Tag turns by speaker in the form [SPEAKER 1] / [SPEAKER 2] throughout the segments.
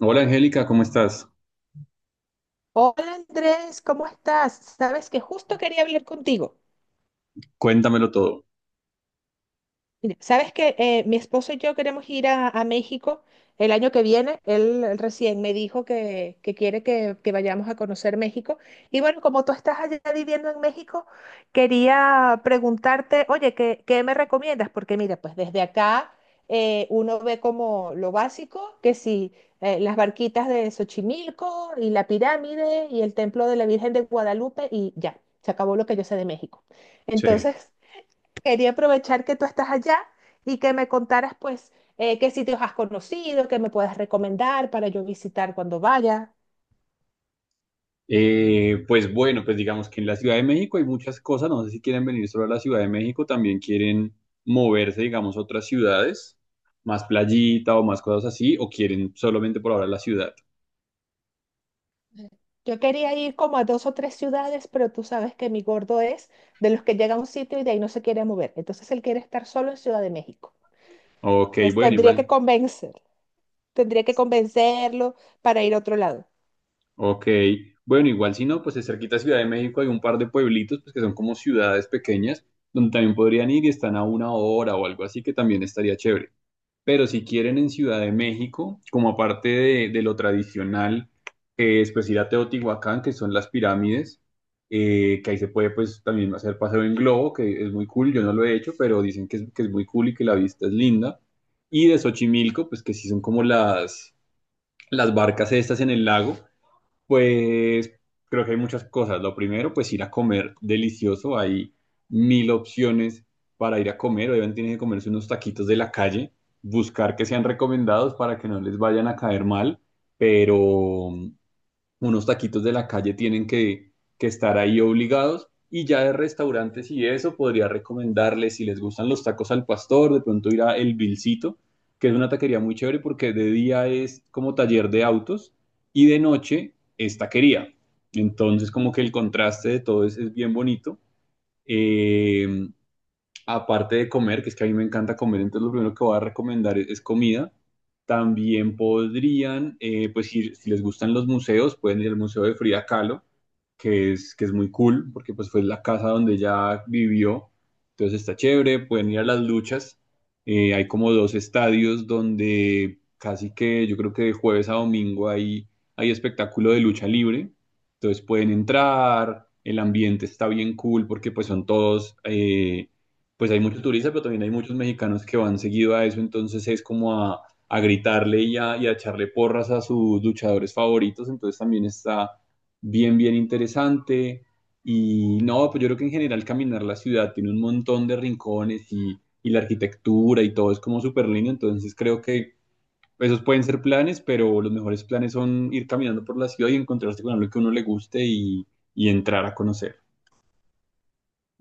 [SPEAKER 1] Hola Angélica, ¿cómo estás?
[SPEAKER 2] Hola Andrés, ¿cómo estás? Sabes que justo quería hablar contigo.
[SPEAKER 1] Cuéntamelo todo.
[SPEAKER 2] Mira, sabes que mi esposo y yo queremos ir a México el año que viene. Él recién me dijo que quiere que vayamos a conocer México. Y bueno, como tú estás allá viviendo en México, quería preguntarte, oye, ¿ qué me recomiendas? Porque mira, pues desde acá uno ve como lo básico, que si las barquitas de Xochimilco y la pirámide y el templo de la Virgen de Guadalupe y ya, se acabó lo que yo sé de México.
[SPEAKER 1] Sí.
[SPEAKER 2] Entonces, quería aprovechar que tú estás allá y que me contaras, pues, qué sitios has conocido, qué me puedes recomendar para yo visitar cuando vaya.
[SPEAKER 1] Pues bueno, pues digamos que en la Ciudad de México hay muchas cosas. No sé si quieren venir solo a la Ciudad de México, también quieren moverse, digamos, a otras ciudades, más playita o más cosas así, o quieren solamente por ahora la ciudad.
[SPEAKER 2] Yo quería ir como a dos o tres ciudades, pero tú sabes que mi gordo es de los que llega a un sitio y de ahí no se quiere mover. Entonces él quiere estar solo en Ciudad de México.
[SPEAKER 1] Ok,
[SPEAKER 2] Entonces
[SPEAKER 1] bueno,
[SPEAKER 2] tendría que
[SPEAKER 1] igual.
[SPEAKER 2] convencer, Tendría que convencerlo para ir a otro lado.
[SPEAKER 1] Ok, bueno, igual si no, pues de cerquita a Ciudad de México hay un par de pueblitos, pues que son como ciudades pequeñas, donde también podrían ir y están a una hora o algo así, que también estaría chévere. Pero si quieren en Ciudad de México, como aparte de, lo tradicional, que es pues ir a Teotihuacán, que son las pirámides, que ahí se puede pues también hacer paseo en globo, que es muy cool. Yo no lo he hecho, pero dicen que es, muy cool y que la vista es linda. Y de Xochimilco, pues que sí son como las, barcas estas en el lago. Pues creo que hay muchas cosas. Lo primero, pues ir a comer delicioso. Hay mil opciones para ir a comer. Obviamente tienen que comerse unos taquitos de la calle, buscar que sean recomendados para que no les vayan a caer mal, pero unos taquitos de la calle tienen que, estar ahí obligados. Y ya de restaurantes y eso, podría recomendarles, si les gustan los tacos al pastor, de pronto ir a El Vilcito, que es una taquería muy chévere porque de día es como taller de autos y de noche es taquería. Entonces, como que el contraste de todo es, bien bonito. Eh, Aparte de comer, que es que a mí me encanta comer, entonces lo primero que voy a recomendar es, comida. También podrían, pues ir, si les gustan los museos, pueden ir al Museo de Frida Kahlo, que es, muy cool, porque pues fue la casa donde ella vivió, entonces está chévere. Pueden ir a las luchas. Hay como dos estadios donde casi que yo creo que de jueves a domingo hay, espectáculo de lucha libre, entonces pueden entrar. El ambiente está bien cool porque pues son todos. Pues hay muchos turistas, pero también hay muchos mexicanos que van seguido a eso, entonces es como a, gritarle y a, echarle porras a sus luchadores favoritos, entonces también está bien, bien interesante. Y no, pues yo creo que en general caminar la ciudad tiene un montón de rincones y, la arquitectura y todo es como súper lindo, entonces creo que esos pueden ser planes, pero los mejores planes son ir caminando por la ciudad y encontrarse con algo que a uno le guste y, entrar a conocer.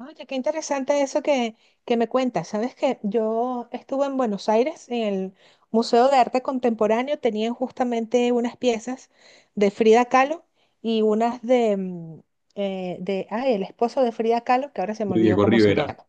[SPEAKER 2] Oye, qué interesante eso que me cuentas. Sabes que yo estuve en Buenos Aires, en el Museo de Arte Contemporáneo, tenían justamente unas piezas de Frida Kahlo y unas de, de ay, el esposo de Frida Kahlo, que ahora se me
[SPEAKER 1] De
[SPEAKER 2] olvidó
[SPEAKER 1] Diego
[SPEAKER 2] cómo se
[SPEAKER 1] Rivera.
[SPEAKER 2] llama.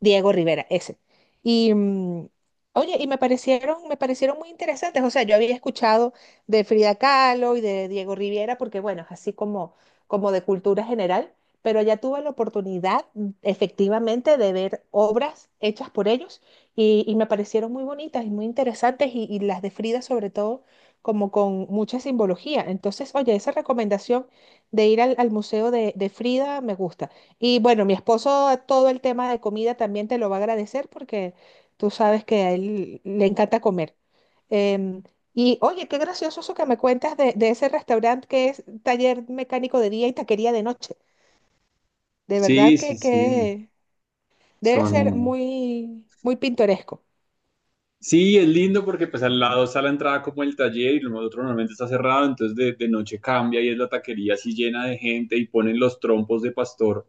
[SPEAKER 2] Diego Rivera, ese. Y mm, Oye, y me parecieron muy interesantes. O sea, yo había escuchado de Frida Kahlo y de Diego Rivera, porque bueno, es así como de cultura general, pero ya tuve la oportunidad efectivamente de ver obras hechas por ellos y me parecieron muy bonitas y muy interesantes, y las de Frida sobre todo, como con mucha simbología. Entonces, oye, esa recomendación de ir al museo de Frida me gusta. Y bueno, mi esposo todo el tema de comida también te lo va a agradecer porque tú sabes que a él le encanta comer. Em, y oye, qué gracioso eso que me cuentas de ese restaurante que es taller mecánico de día y taquería de noche. De
[SPEAKER 1] Sí,
[SPEAKER 2] verdad
[SPEAKER 1] sí, sí.
[SPEAKER 2] que debe ser
[SPEAKER 1] Son,
[SPEAKER 2] muy, muy pintoresco.
[SPEAKER 1] Sí, es lindo porque pues al lado está la entrada como el taller y lo otro normalmente está cerrado, entonces de, noche cambia y es la taquería así llena de gente y ponen los trompos de pastor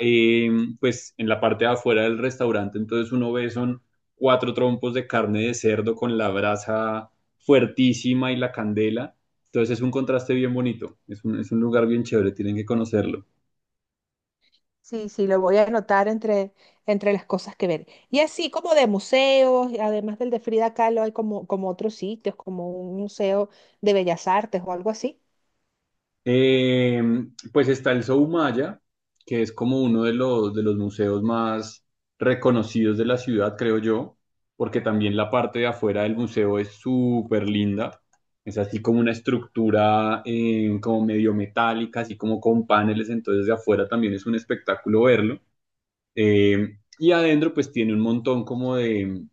[SPEAKER 1] eh, pues en la parte de afuera del restaurante, entonces uno ve son cuatro trompos de carne de cerdo con la brasa fuertísima y la candela, entonces es un contraste bien bonito. Es un, lugar bien chévere, tienen que conocerlo.
[SPEAKER 2] Sí, sí, lo voy a anotar entre las cosas que ver. Y así como de museos, y además del de Frida Kahlo, hay como otros sitios, como un museo de bellas artes o algo así.
[SPEAKER 1] Eh, pues está el Soumaya, que es como uno de los, museos más reconocidos de la ciudad, creo yo, porque también la parte de afuera del museo es súper linda. Es así como una estructura como medio metálica, así como con paneles, entonces de afuera también es un espectáculo verlo. Y adentro pues tiene un montón como de,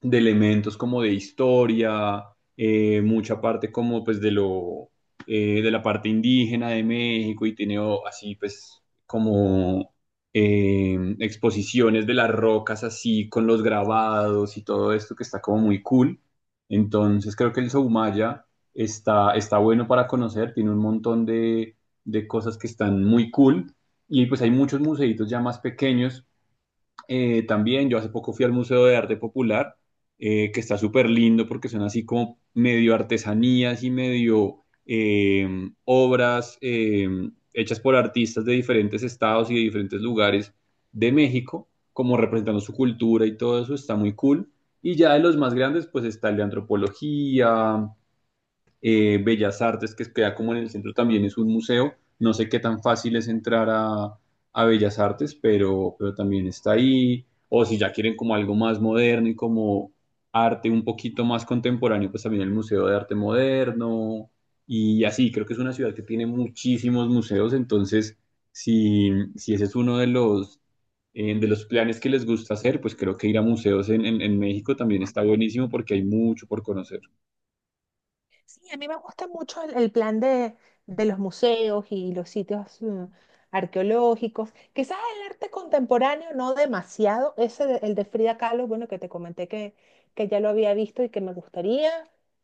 [SPEAKER 1] elementos como de historia, mucha parte como pues de la parte indígena de México, y tiene oh, así pues como exposiciones de las rocas así con los grabados y todo esto que está como muy cool. Entonces creo que el Soumaya está, bueno para conocer, tiene un montón de, cosas que están muy cool. Y pues hay muchos museitos ya más pequeños. También yo hace poco fui al Museo de Arte Popular, que está súper lindo porque son así como medio artesanías y medio obras hechas por artistas de diferentes estados y de diferentes lugares de México, como representando su cultura y todo eso. Está muy cool. Y ya de los más grandes, pues está el de antropología, Bellas Artes, que queda como en el centro, también es un museo. No sé qué tan fácil es entrar a, Bellas Artes, pero, también está ahí. O si ya quieren como algo más moderno y como arte un poquito más contemporáneo, pues también el Museo de Arte Moderno. Y así, creo que es una ciudad que tiene muchísimos museos, entonces si, ese es uno de los, planes que les gusta hacer, pues creo que ir a museos en, México también está buenísimo porque hay mucho por conocer.
[SPEAKER 2] Sí, a mí me gusta mucho el plan de los museos y los sitios arqueológicos. Quizás el arte contemporáneo no demasiado. El de Frida Kahlo, bueno, que te comenté que ya lo había visto y que me gustaría,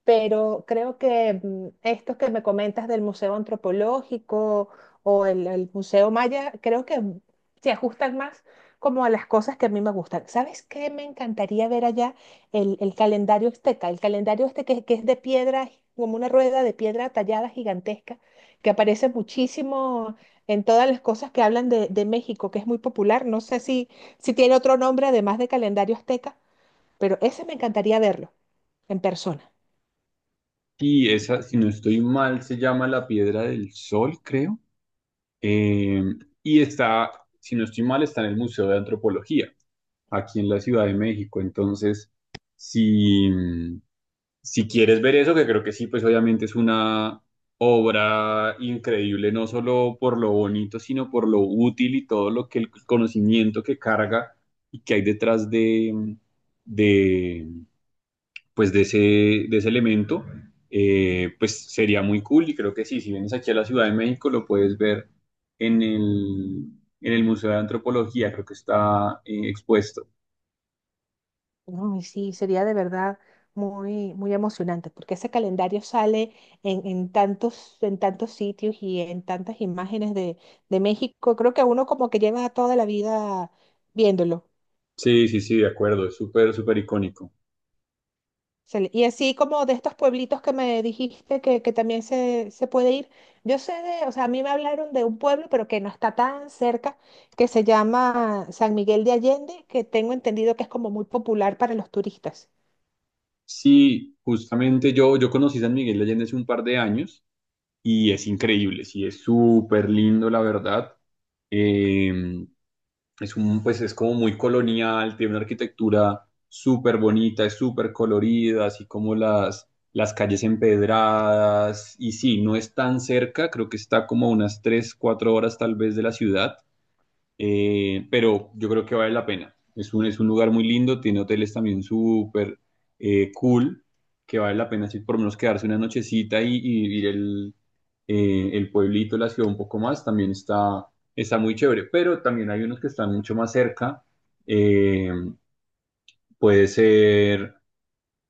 [SPEAKER 2] pero creo que estos que me comentas del Museo Antropológico o el Museo Maya, creo que se ajustan más como a las cosas que a mí me gustan. ¿Sabes qué me encantaría ver allá? El calendario azteca, el calendario este que es de piedra, como una rueda de piedra tallada gigantesca, que aparece muchísimo en todas las cosas que hablan de México, que es muy popular. No sé si, si tiene otro nombre además de calendario azteca, pero ese me encantaría verlo en persona.
[SPEAKER 1] Y esa, si no estoy mal, se llama la Piedra del Sol, creo. Eh, y está, si no estoy mal, está en el Museo de Antropología, aquí en la Ciudad de México. Entonces, si, si quieres ver eso, que creo que sí, pues obviamente es una obra increíble, no solo por lo bonito, sino por lo útil y todo lo que el conocimiento que carga y que hay detrás de, de, pues de ese, elemento. Pues sería muy cool y creo que sí, si vienes aquí a la Ciudad de México lo puedes ver en el, Museo de Antropología, creo que está expuesto.
[SPEAKER 2] No, y sí, sería de verdad muy, muy emocionante, porque ese calendario sale en tantos sitios y en tantas imágenes de México. Creo que uno como que lleva toda la vida viéndolo.
[SPEAKER 1] Sí, sí, sí, de acuerdo, es súper, súper icónico.
[SPEAKER 2] Y así como de estos pueblitos que me dijiste que también se puede ir, yo sé de, o sea, a mí me hablaron de un pueblo, pero que no está tan cerca, que se llama San Miguel de Allende, que tengo entendido que es como muy popular para los turistas.
[SPEAKER 1] Sí, justamente yo, conocí San Miguel de Allende hace un par de años, y es increíble. Sí, es súper lindo, la verdad. Eh, pues es como muy colonial, tiene una arquitectura súper bonita, es súper colorida, así como las, calles empedradas. Y sí, no es tan cerca, creo que está como a unas 3-4 horas tal vez de la ciudad, pero yo creo que vale la pena. Es un, lugar muy lindo, tiene hoteles también súper cool, que vale la pena así por lo menos quedarse una nochecita y, vivir el, pueblito, la ciudad un poco más. También está, muy chévere. Pero también hay unos que están mucho más cerca. Eh, Puede ser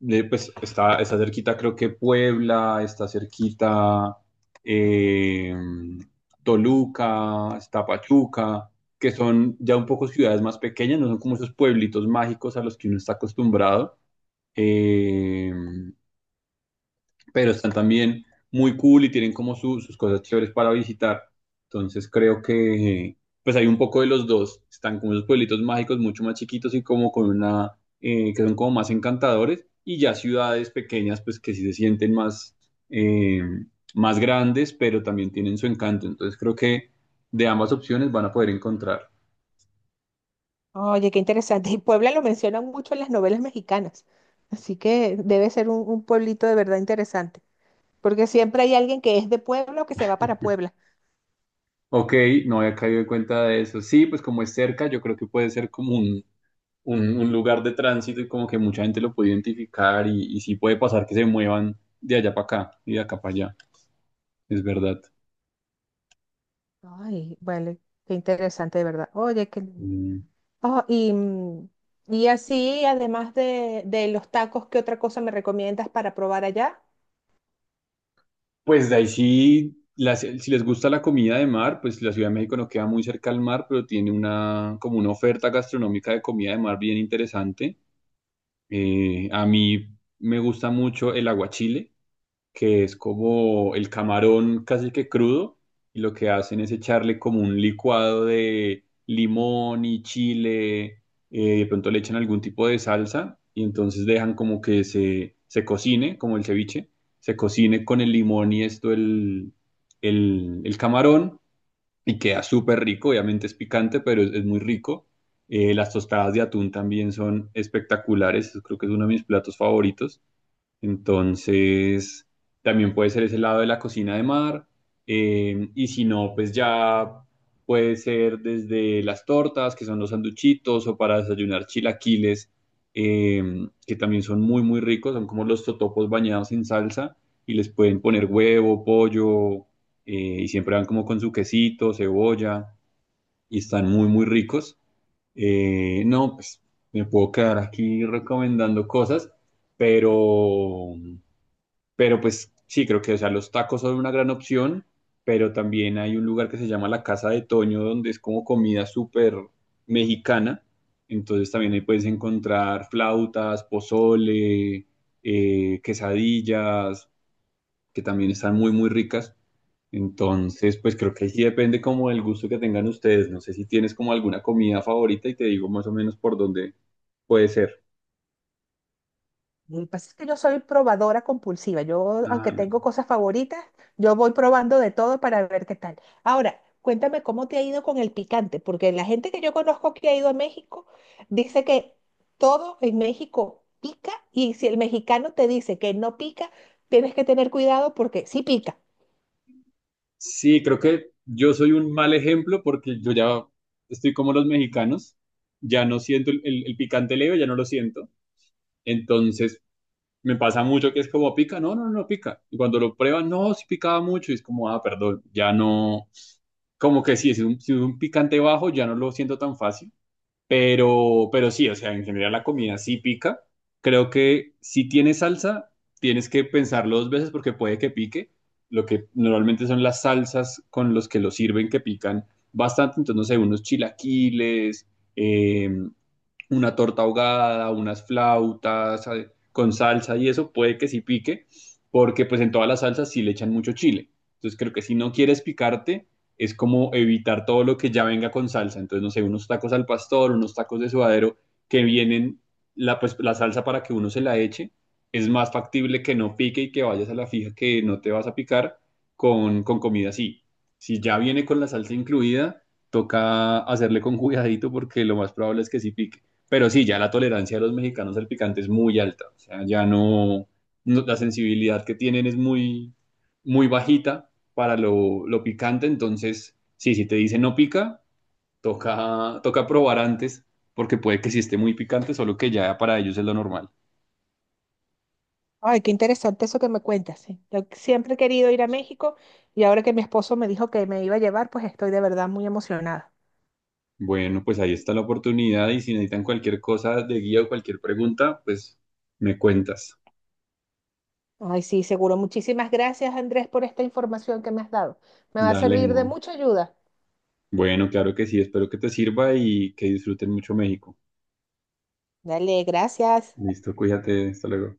[SPEAKER 1] pues está, cerquita, creo que Puebla, está cerquita, eh, Toluca, está Pachuca, que son ya un poco ciudades más pequeñas, no son como esos pueblitos mágicos a los que uno está acostumbrado. Eh, pero están también muy cool y tienen como sus cosas chéveres para visitar. Entonces creo que pues hay un poco de los dos. Están como esos pueblitos mágicos mucho más chiquitos y como que son como más encantadores, y ya ciudades pequeñas pues que sí se sienten más, eh, grandes, pero también tienen su encanto. Entonces creo que de ambas opciones van a poder encontrar.
[SPEAKER 2] Oye, qué interesante. Y Puebla lo mencionan mucho en las novelas mexicanas, así que debe ser un pueblito de verdad interesante, porque siempre hay alguien que es de Puebla o que se va para Puebla.
[SPEAKER 1] Ok, no había caído en cuenta de eso. Sí, pues como es cerca, yo creo que puede ser como un, lugar de tránsito, y como que mucha gente lo puede identificar y, sí puede pasar que se muevan de allá para acá y de acá para allá, es verdad.
[SPEAKER 2] Ay, vale, qué interesante de verdad.
[SPEAKER 1] Mm.
[SPEAKER 2] Ah, y, mm, y así, además de los tacos, ¿qué otra cosa me recomiendas para probar allá?
[SPEAKER 1] Pues de ahí sí, si les gusta la comida de mar, pues la Ciudad de México no queda muy cerca al mar, pero tiene como una oferta gastronómica de comida de mar bien interesante. A mí me gusta mucho el aguachile, que es como el camarón casi que crudo, y lo que hacen es echarle como un licuado de limón y chile, de pronto le echan algún tipo de salsa, y entonces dejan como que se, cocine, como el ceviche, se cocine con el limón y esto el, camarón, y queda súper rico. Obviamente es picante, pero es, muy rico. Las tostadas de atún también son espectaculares, creo que es uno de mis platos favoritos. Entonces, también puede ser ese lado de la cocina de mar. Y si no, pues ya puede ser desde las tortas, que son los sanduchitos, o para desayunar chilaquiles, eh, que también son muy, muy ricos. Son como los totopos bañados en salsa y les pueden poner huevo, pollo, y siempre van como con su quesito, cebolla, y están muy, muy ricos. No, pues me puedo quedar aquí recomendando cosas, pero... Pero pues sí, creo que, o sea, los tacos son una gran opción, pero también hay un lugar que se llama la Casa de Toño, donde es como comida súper mexicana. Entonces también ahí puedes encontrar flautas, pozole, quesadillas, que también están muy, muy ricas. Entonces, pues creo que ahí sí depende como del gusto que tengan ustedes. No sé si tienes como alguna comida favorita y te digo más o menos por dónde puede ser.
[SPEAKER 2] Lo que pasa es que yo soy probadora compulsiva. Yo, aunque
[SPEAKER 1] Ah,
[SPEAKER 2] tengo cosas favoritas, yo voy probando de todo para ver qué tal. Ahora, cuéntame cómo te ha ido con el picante, porque la gente que yo conozco que ha ido a México dice que todo en México pica y si el mexicano te dice que no pica, tienes que tener cuidado porque sí pica.
[SPEAKER 1] sí, creo que yo soy un mal ejemplo porque yo ya estoy como los mexicanos, ya no siento el, picante leve, ya no lo siento. Entonces me pasa mucho que es como pica, no, no, no no, pica. Y cuando lo prueban, no, sí picaba mucho y es como, ah, perdón, ya no, como que sí, si es un, picante bajo, ya no lo siento tan fácil. Pero sí, o sea, en general la comida sí pica. Creo que si tienes salsa, tienes que pensarlo dos veces porque puede que pique. Lo que normalmente son las salsas con los que lo sirven que pican bastante. Entonces, no sé, unos chilaquiles, em, una torta ahogada, unas flautas con salsa y eso puede que sí pique, porque pues en todas las salsas sí le echan mucho chile. Entonces creo que si no quieres picarte, es como evitar todo lo que ya venga con salsa. Entonces, no sé, unos tacos al pastor, unos tacos de suadero que vienen la salsa para que uno se la eche, es más factible que no pique y que vayas a la fija que no te vas a picar con, comida así. Si ya viene con la salsa incluida, toca hacerle con cuidadito porque lo más probable es que sí pique. Pero sí, ya la tolerancia de los mexicanos al picante es muy alta. O sea, ya no, la sensibilidad que tienen es muy, muy bajita para lo, picante. Entonces, sí, si te dicen no pica, toca, probar antes, porque puede que sí esté muy picante, solo que ya para ellos es lo normal.
[SPEAKER 2] Ay, qué interesante eso que me cuentas. Sí. Yo siempre he querido ir a México y ahora que mi esposo me dijo que me iba a llevar, pues estoy de verdad muy emocionada.
[SPEAKER 1] Bueno, pues ahí está la oportunidad y si necesitan cualquier cosa de guía o cualquier pregunta, pues me cuentas.
[SPEAKER 2] Ay, sí, seguro. Muchísimas gracias, Andrés, por esta información que me has dado. Me va a
[SPEAKER 1] Dale,
[SPEAKER 2] servir de
[SPEAKER 1] no.
[SPEAKER 2] mucha ayuda.
[SPEAKER 1] Bueno, claro que sí, espero que te sirva y que disfruten mucho México.
[SPEAKER 2] Dale, gracias.
[SPEAKER 1] Listo, cuídate, hasta luego.